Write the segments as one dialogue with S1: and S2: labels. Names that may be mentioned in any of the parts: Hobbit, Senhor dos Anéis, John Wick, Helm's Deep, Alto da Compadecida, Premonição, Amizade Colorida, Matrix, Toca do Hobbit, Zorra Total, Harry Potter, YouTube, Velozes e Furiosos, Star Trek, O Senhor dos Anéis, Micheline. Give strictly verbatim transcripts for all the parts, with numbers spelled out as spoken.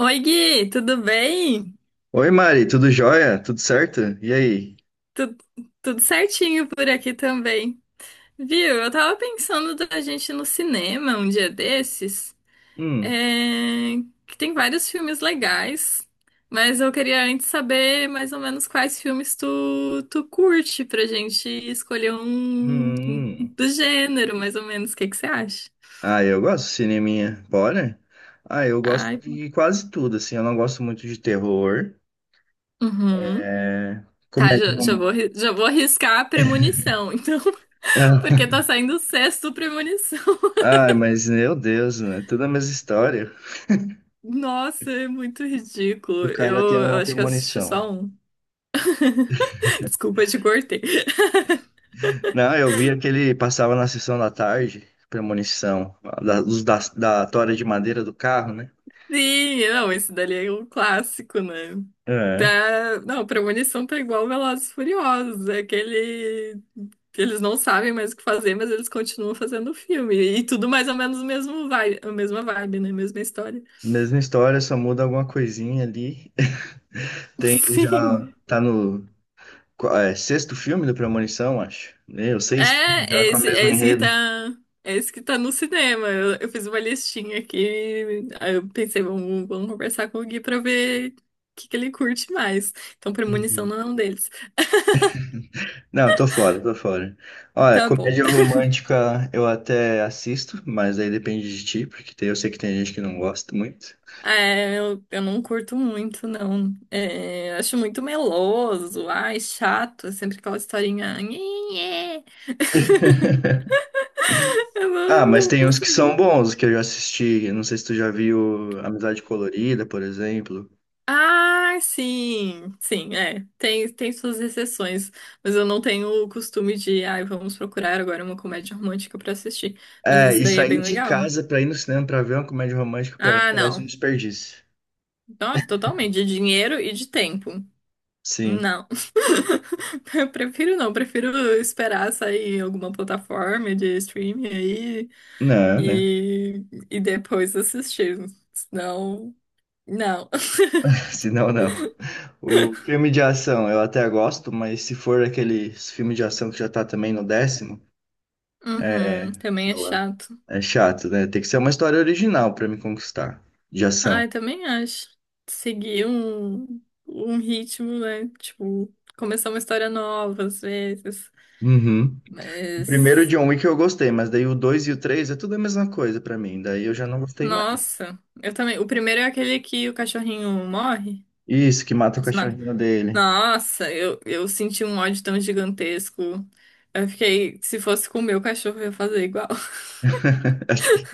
S1: Oi, Gui, tudo bem?
S2: Oi, Mari, tudo jóia? Tudo certo? E aí?
S1: Tu- Tudo certinho por aqui também. Viu? Eu tava pensando da gente ir no cinema um dia desses, é,
S2: Hum,
S1: que tem vários filmes legais, mas eu queria antes saber mais ou menos quais filmes tu, tu curte pra gente escolher
S2: hum,
S1: um um
S2: hum.
S1: do gênero, mais ou menos. O que que você acha?
S2: Ah, eu gosto de cineminha. Bora? Ah, eu gosto
S1: Ai,
S2: de quase tudo, assim. Eu não gosto muito de terror,
S1: uhum.
S2: é,
S1: Tá,
S2: comédia
S1: já, já vou,
S2: romântica.
S1: arri- já vou arriscar a premonição, então, porque tá saindo o sexto premonição.
S2: Ah, mas meu Deus, né? Tudo a mesma história.
S1: Nossa, é muito ridículo.
S2: O cara tem
S1: Eu, eu
S2: uma
S1: acho que eu assisti só
S2: premonição.
S1: um. Desculpa, eu te cortei.
S2: Não, eu vi aquele passava na sessão da tarde, premonição, da, dos- da, da tora de madeira do carro, né?
S1: Sim, não, esse dali é um clássico, né?
S2: É.
S1: Tá. Não, Premonição tá igual Velozes e Furiosos. É aquele. Eles não sabem mais o que fazer, mas eles continuam fazendo o filme. E tudo mais ou menos o mesmo vibe, a mesma vibe, né? Mesma história.
S2: Mesma história, só muda alguma coisinha ali. Tem já
S1: Sim.
S2: tá no qua- é, sexto filme do Premonição, acho. Meu,
S1: É,
S2: seis filmes já
S1: é
S2: com a
S1: esse, é
S2: mesma
S1: esse que tá,
S2: enredo.
S1: É esse que tá no cinema. Eu, eu fiz uma listinha aqui. Aí eu pensei, vamos, vamos conversar com o Gui pra ver o que, que ele curte mais. Então, Premonição
S2: Uhum.
S1: não é um deles.
S2: Não, tô fora, tô fora. Olha,
S1: Tá bom.
S2: comédia romântica eu até assisto, mas aí depende de ti, porque tem- eu sei que tem gente que não gosta muito.
S1: É, eu, eu não curto muito, não. É, acho muito meloso. Ai, chato. É sempre aquela historinha. Nhe, nhe. Eu
S2: Ah,
S1: não,
S2: mas
S1: não
S2: tem uns que são
S1: consigo.
S2: bons, que eu já assisti. Eu não sei se tu já viu Amizade Colorida, por exemplo.
S1: Ah, sim, sim, é. Tem, tem suas exceções, mas eu não tenho o costume de, ai, vamos procurar agora uma comédia romântica pra assistir. Mas
S2: É,
S1: esse
S2: e
S1: daí é bem
S2: sair de
S1: legal.
S2: casa pra ir no cinema pra ver uma comédia romântica, pra mim,
S1: Ah,
S2: parece um
S1: não.
S2: desperdício.
S1: Nossa, totalmente, de dinheiro e de tempo.
S2: Sim.
S1: Não. Eu prefiro não, prefiro esperar sair em alguma plataforma de streaming aí
S2: Não, né?
S1: e, e depois assistir. Senão, não.
S2: Se não, não. O filme de ação eu até gosto, mas se for aqueles filme de ação que já tá também no décimo, é,
S1: Uhum, também
S2: sei
S1: é
S2: lá,
S1: chato.
S2: é chato, né? Tem que ser uma história original pra me conquistar, de
S1: Ah,
S2: ação.
S1: eu também acho. Seguir um, um ritmo, né? Tipo, começar uma história nova às vezes.
S2: Uhum. O primeiro
S1: Mas,
S2: John Wick eu gostei, mas daí o dois e o três é tudo a mesma coisa pra mim, daí eu já não gostei mais.
S1: nossa, eu também. O primeiro é aquele que o cachorrinho morre,
S2: Isso, que mata o
S1: eles matam.
S2: cachorrinho dele.
S1: Nossa, eu, eu senti um ódio tão gigantesco. Eu fiquei, se fosse com o meu cachorro, eu ia fazer igual.
S2: Acho que,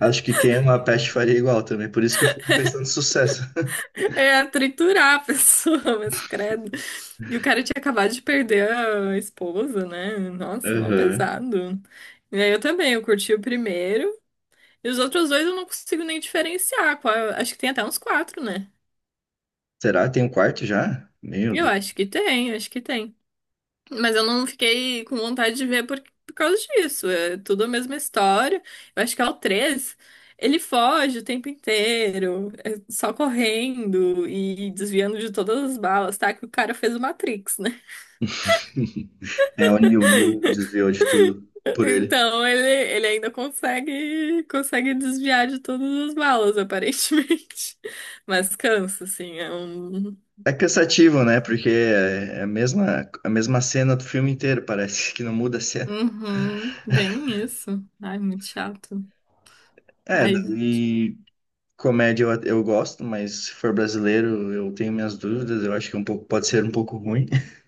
S2: acho que quem ama a peste faria igual também, por isso que fez tanto sucesso.
S1: É triturar a pessoa, mas credo. E o cara tinha acabado de perder a esposa, né? Nossa, mal
S2: Uhum.
S1: pesado. E aí eu também, eu curti o primeiro. E os outros dois eu não consigo nem diferenciar. Qual- Acho que tem até uns quatro, né?
S2: Será? Tem um quarto já? Meu
S1: Eu
S2: Deus.
S1: acho que tem, acho que tem. Mas eu não fiquei com vontade de ver por, por causa disso. É tudo a mesma história. Eu acho que é o três. Ele foge o tempo inteiro, é só correndo e desviando de todas as balas, tá? Que o cara fez o Matrix, né?
S2: É, o Neil, o Neil desviou de tudo por ele.
S1: Então ele, ele ainda consegue, consegue desviar de todas as balas, aparentemente. Mas cansa, assim, é um.
S2: É cansativo, né? Porque é a mesma, a mesma cena do filme inteiro, parece que não muda a cena.
S1: Uhum, bem isso. Ai, muito chato.
S2: É,
S1: Ai,
S2: daí comédia eu, eu gosto, mas se for brasileiro eu tenho minhas dúvidas, eu acho que é um pouco, pode ser um pouco ruim,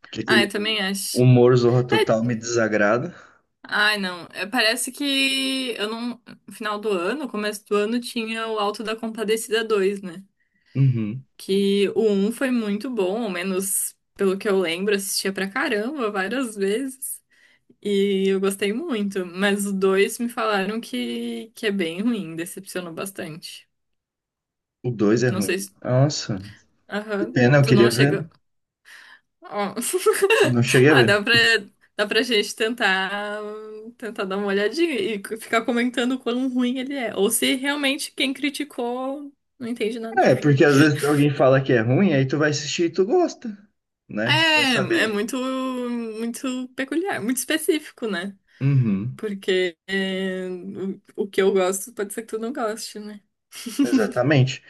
S2: porque
S1: ai, eu
S2: aquele
S1: também acho.
S2: humor Zorra Total
S1: É,
S2: me desagrada.
S1: ai, não. É, parece que eu não. No final do ano, começo do ano, tinha o Alto da Compadecida dois, né?
S2: Uhum.
S1: Que o um foi muito bom, ao menos pelo que eu lembro, assistia pra caramba várias vezes. E eu gostei muito. Mas o dois me falaram que, que é bem ruim, decepcionou bastante.
S2: O dois é
S1: Não
S2: ruim.
S1: sei se.
S2: Nossa, que
S1: Aham.
S2: pena, eu
S1: Tu não
S2: queria
S1: chegou.
S2: ver.
S1: Ó.
S2: Não cheguei a
S1: Ah, dá
S2: ver.
S1: pra, dá pra gente tentar, tentar dar uma olhadinha e c- ficar comentando o quão ruim ele é. Ou se realmente quem criticou não entende nada de
S2: É, porque
S1: filme.
S2: às vezes alguém fala que é ruim, aí tu vai assistir e tu gosta, né? Vai
S1: É, é
S2: saber.
S1: muito, muito peculiar, muito específico, né?
S2: Uhum.
S1: Porque é, o, o que eu gosto pode ser que tu não goste, né?
S2: Exatamente.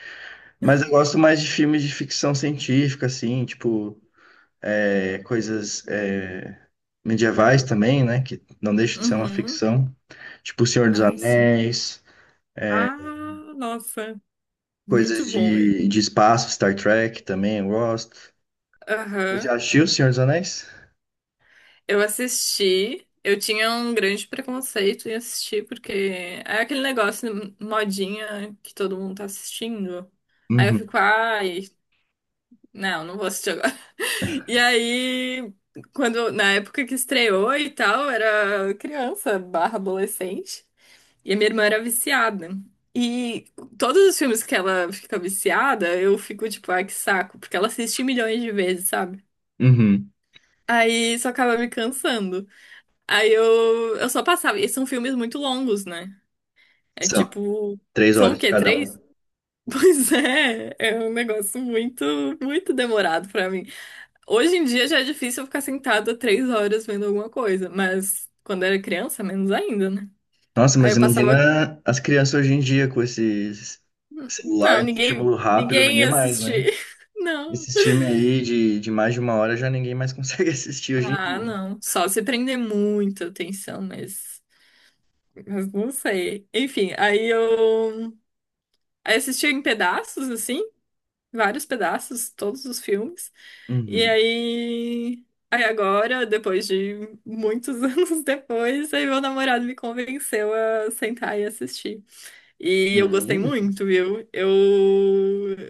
S2: Mas eu gosto mais de filmes de ficção científica, assim, tipo, é, coisas é, medievais também, né? Que não deixa de ser uma
S1: Uhum.
S2: ficção. Tipo O Senhor dos
S1: Ai, sim.
S2: Anéis, é,
S1: Ah, nossa, muito
S2: coisas
S1: bom.
S2: de, de espaço, Star Trek também eu gosto. Você
S1: Aham.
S2: já assistiu O Senhor dos Anéis?
S1: Eu assisti, eu tinha um grande preconceito em assistir, porque é aquele negócio modinha que todo mundo tá assistindo. Aí eu
S2: Uhum.
S1: fico, ai, não, não vou assistir agora. E aí, quando, na época que estreou e tal, era criança barra adolescente, e a minha irmã era viciada. E todos os filmes que ela fica viciada, eu fico tipo, ai, que saco, porque ela assiste milhões de vezes, sabe?
S2: Uhum.
S1: Aí isso acaba me cansando. Aí eu, eu só passava. E são filmes muito longos, né? É
S2: São
S1: tipo.
S2: três
S1: São o
S2: horas
S1: quê?
S2: cada um.
S1: Três? Pois é, é um negócio muito, muito demorado pra mim. Hoje em dia já é difícil eu ficar sentada três horas vendo alguma coisa, mas quando era criança, menos ainda, né?
S2: Nossa,
S1: Aí
S2: mas
S1: eu passava.
S2: imagina as crianças hoje em dia com esse celular,
S1: Não, ninguém,
S2: estímulo rápido,
S1: ninguém
S2: ninguém
S1: ia
S2: mais, né?
S1: assistir. Não.
S2: Esses filmes aí de, de mais de uma hora já ninguém mais consegue assistir hoje em
S1: Ah,
S2: dia.
S1: não. Só se prender muita atenção, mas. Mas não sei. Enfim, aí eu. Aí assistia em pedaços, assim. Vários pedaços, todos os filmes. E
S2: Uhum.
S1: aí, aí agora, depois de muitos anos depois, aí meu namorado me convenceu a sentar e assistir. E eu gostei
S2: Uhum.
S1: muito, viu? Eu,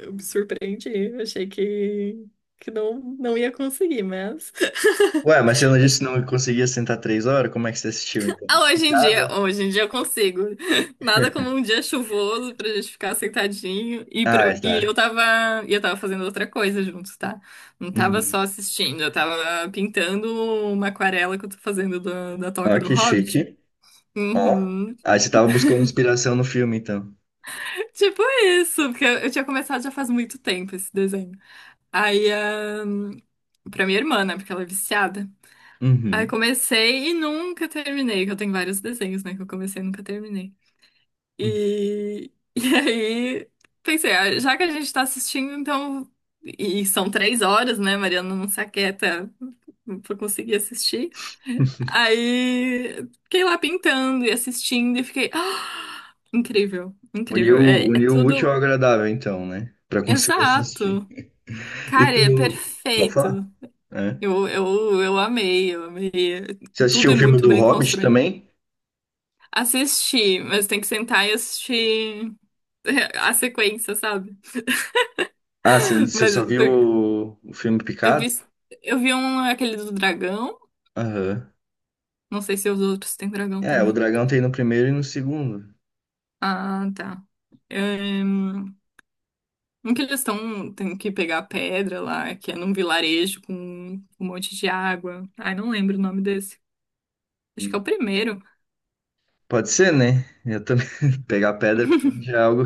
S1: eu me surpreendi. Eu achei que, que não, não ia conseguir, mas,
S2: Ué, mas você não disse
S1: mas
S2: que não conseguia sentar três horas? Como é que você assistiu então?
S1: ah, hoje em dia,
S2: Picada?
S1: hoje em dia eu consigo. Nada como um dia chuvoso pra gente ficar sentadinho. E,
S2: Ah,
S1: pra-
S2: é,
S1: e eu
S2: tá.
S1: tava, e eu tava fazendo outra coisa juntos, tá? Não tava
S2: Uhum.
S1: só assistindo, eu tava pintando uma aquarela que eu tô fazendo da, da Toca
S2: Ó,
S1: do
S2: que
S1: Hobbit.
S2: chique. Ó.
S1: Uhum.
S2: Ah, você tava buscando inspiração no filme então.
S1: Tipo isso, porque eu, tinha começado já faz muito tempo esse desenho. Aí, ahn, pra minha irmã, né, porque ela é viciada. Aí
S2: Uhum.
S1: comecei e nunca terminei, que eu tenho vários desenhos, né, que eu comecei e nunca terminei.
S2: Uhum.
S1: E, e aí pensei, ah, já que a gente tá assistindo, então. E são três horas, né? Mariana não se aquieta pra conseguir assistir. Aí fiquei lá pintando e assistindo e fiquei. "Ah, incrível, incrível.
S2: Uniu,
S1: É, é
S2: uniu o útil
S1: tudo
S2: ao agradável então, né? Pra conseguir assistir.
S1: exato.
S2: E
S1: Cara, é
S2: tu. Pode
S1: perfeito.
S2: falar? É.
S1: Eu, eu, eu amei, eu amei.
S2: Você
S1: Tudo
S2: assistiu o
S1: é
S2: filme
S1: muito
S2: do
S1: bem
S2: Hobbit
S1: construído.
S2: também?
S1: Assisti, mas tem que sentar e assistir a sequência, sabe?
S2: Ah, você você
S1: Mas.
S2: só viu o, o filme
S1: Eu vi,
S2: Picado?
S1: eu vi um, aquele do dragão.
S2: Aham.
S1: Não sei se os outros têm dragão
S2: É, o
S1: também.
S2: dragão tem no primeiro e no segundo.
S1: Ah, tá. É, um que eles estão, tem que pegar a pedra lá, que é num vilarejo com um monte de água. Ai, não lembro o nome desse. Acho que é
S2: Hum.
S1: o primeiro.
S2: Pode ser, né? Eu também. Pegar pedra pra mim já é algo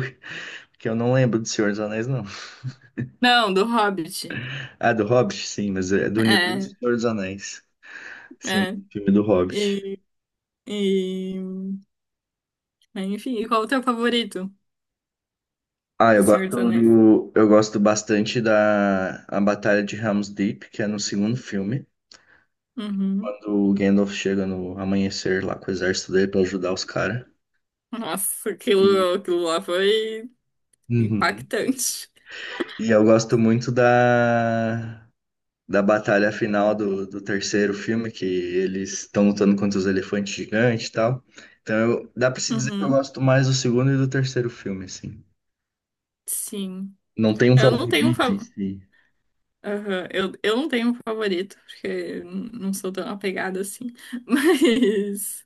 S2: que eu não lembro do Senhor dos Anéis, não.
S1: Não, do Hobbit.
S2: Ah, do Hobbit, sim, mas é do universo do
S1: É,
S2: Senhor dos Anéis. Sim,
S1: é.
S2: filme do Hobbit.
S1: E, e... Enfim, e qual o teu favorito
S2: Ah, eu
S1: do Senhor dos
S2: gosto
S1: Anéis?
S2: do, eu gosto bastante da a Batalha de Helm's Deep, que é no segundo filme,
S1: Uhum.
S2: quando o Gandalf chega no amanhecer lá com o exército dele pra ajudar os caras.
S1: Nossa,
S2: E,
S1: aquilo, aquilo lá foi
S2: Uhum.
S1: impactante.
S2: E eu gosto muito da da batalha final do, do terceiro filme, que eles estão lutando contra os elefantes gigantes e tal. Então, eu- dá pra se dizer que eu
S1: Uhum.
S2: gosto mais do segundo e do terceiro filme, assim.
S1: Sim.
S2: Não tem um
S1: Eu não tenho um
S2: favorito em
S1: favorito.
S2: si.
S1: Eu, eu não tenho um favorito, porque eu não sou tão apegada assim. Mas.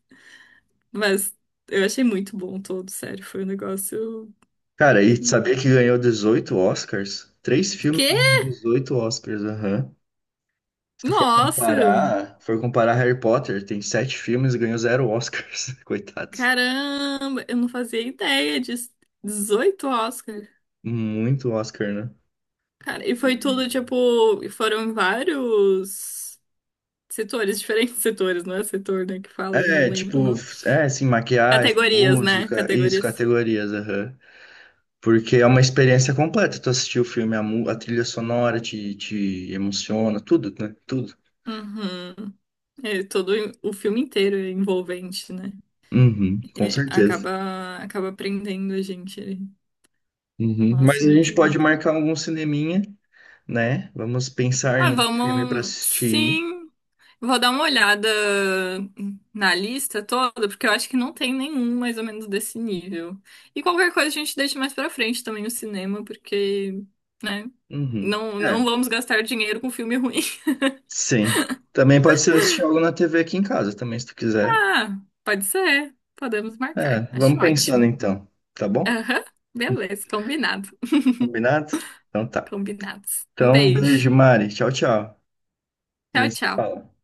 S1: Mas Eu achei muito bom todo, sério. Foi um negócio.
S2: Cara, e sabia que ganhou dezoito Oscars? Três filmes
S1: Que?
S2: ganhando 18 Oscars, aham. Se tu for
S1: Nossa!
S2: comparar, for comparar Harry Potter, tem sete filmes e ganhou zero Oscars. Coitados.
S1: Caramba! Eu não fazia ideia disso. Dezoito Oscar.
S2: Muito Oscar, né?
S1: Cara, e foi tudo
S2: E-
S1: tipo. E foram em vários setores, diferentes setores, não é setor, né? Que fala, não
S2: É,
S1: lembro o
S2: tipo,
S1: nome.
S2: é, assim, maquiagem,
S1: Categorias, né?
S2: música, isso,
S1: Categorias.
S2: categorias, aham. Porque é uma experiência completa. Tu assistiu o filme, a, mu- a trilha sonora te, te emociona, tudo, né? Tudo.
S1: Uhum. É, todo o filme inteiro é envolvente, né?
S2: Uhum, com
S1: E
S2: certeza.
S1: acaba, acaba prendendo a gente ali.
S2: Uhum. Mas
S1: Nossa,
S2: a
S1: muito
S2: gente pode
S1: lindo.
S2: marcar algum cineminha, né? Vamos pensar
S1: Ah,
S2: num filme para
S1: vamos.
S2: assistir.
S1: Sim, vou dar uma olhada na lista toda, porque eu acho que não tem nenhum mais ou menos desse nível. E qualquer coisa a gente deixa mais pra frente também o cinema, porque, né?
S2: Uhum.
S1: Não, não
S2: É,
S1: vamos gastar dinheiro com filme ruim.
S2: sim. Também pode ser assistir algo na T V aqui em casa, também, se tu quiser.
S1: Ah, pode ser. Podemos
S2: É,
S1: marcar.
S2: vamos
S1: Acho
S2: pensando
S1: ótimo.
S2: então, tá bom?
S1: Aham, beleza, combinado.
S2: Combinado? Então tá.
S1: Combinados. Um
S2: Então, beijo,
S1: beijo.
S2: Mari. Tchau, tchau. A
S1: Tchau,
S2: gente se
S1: tchau.
S2: fala.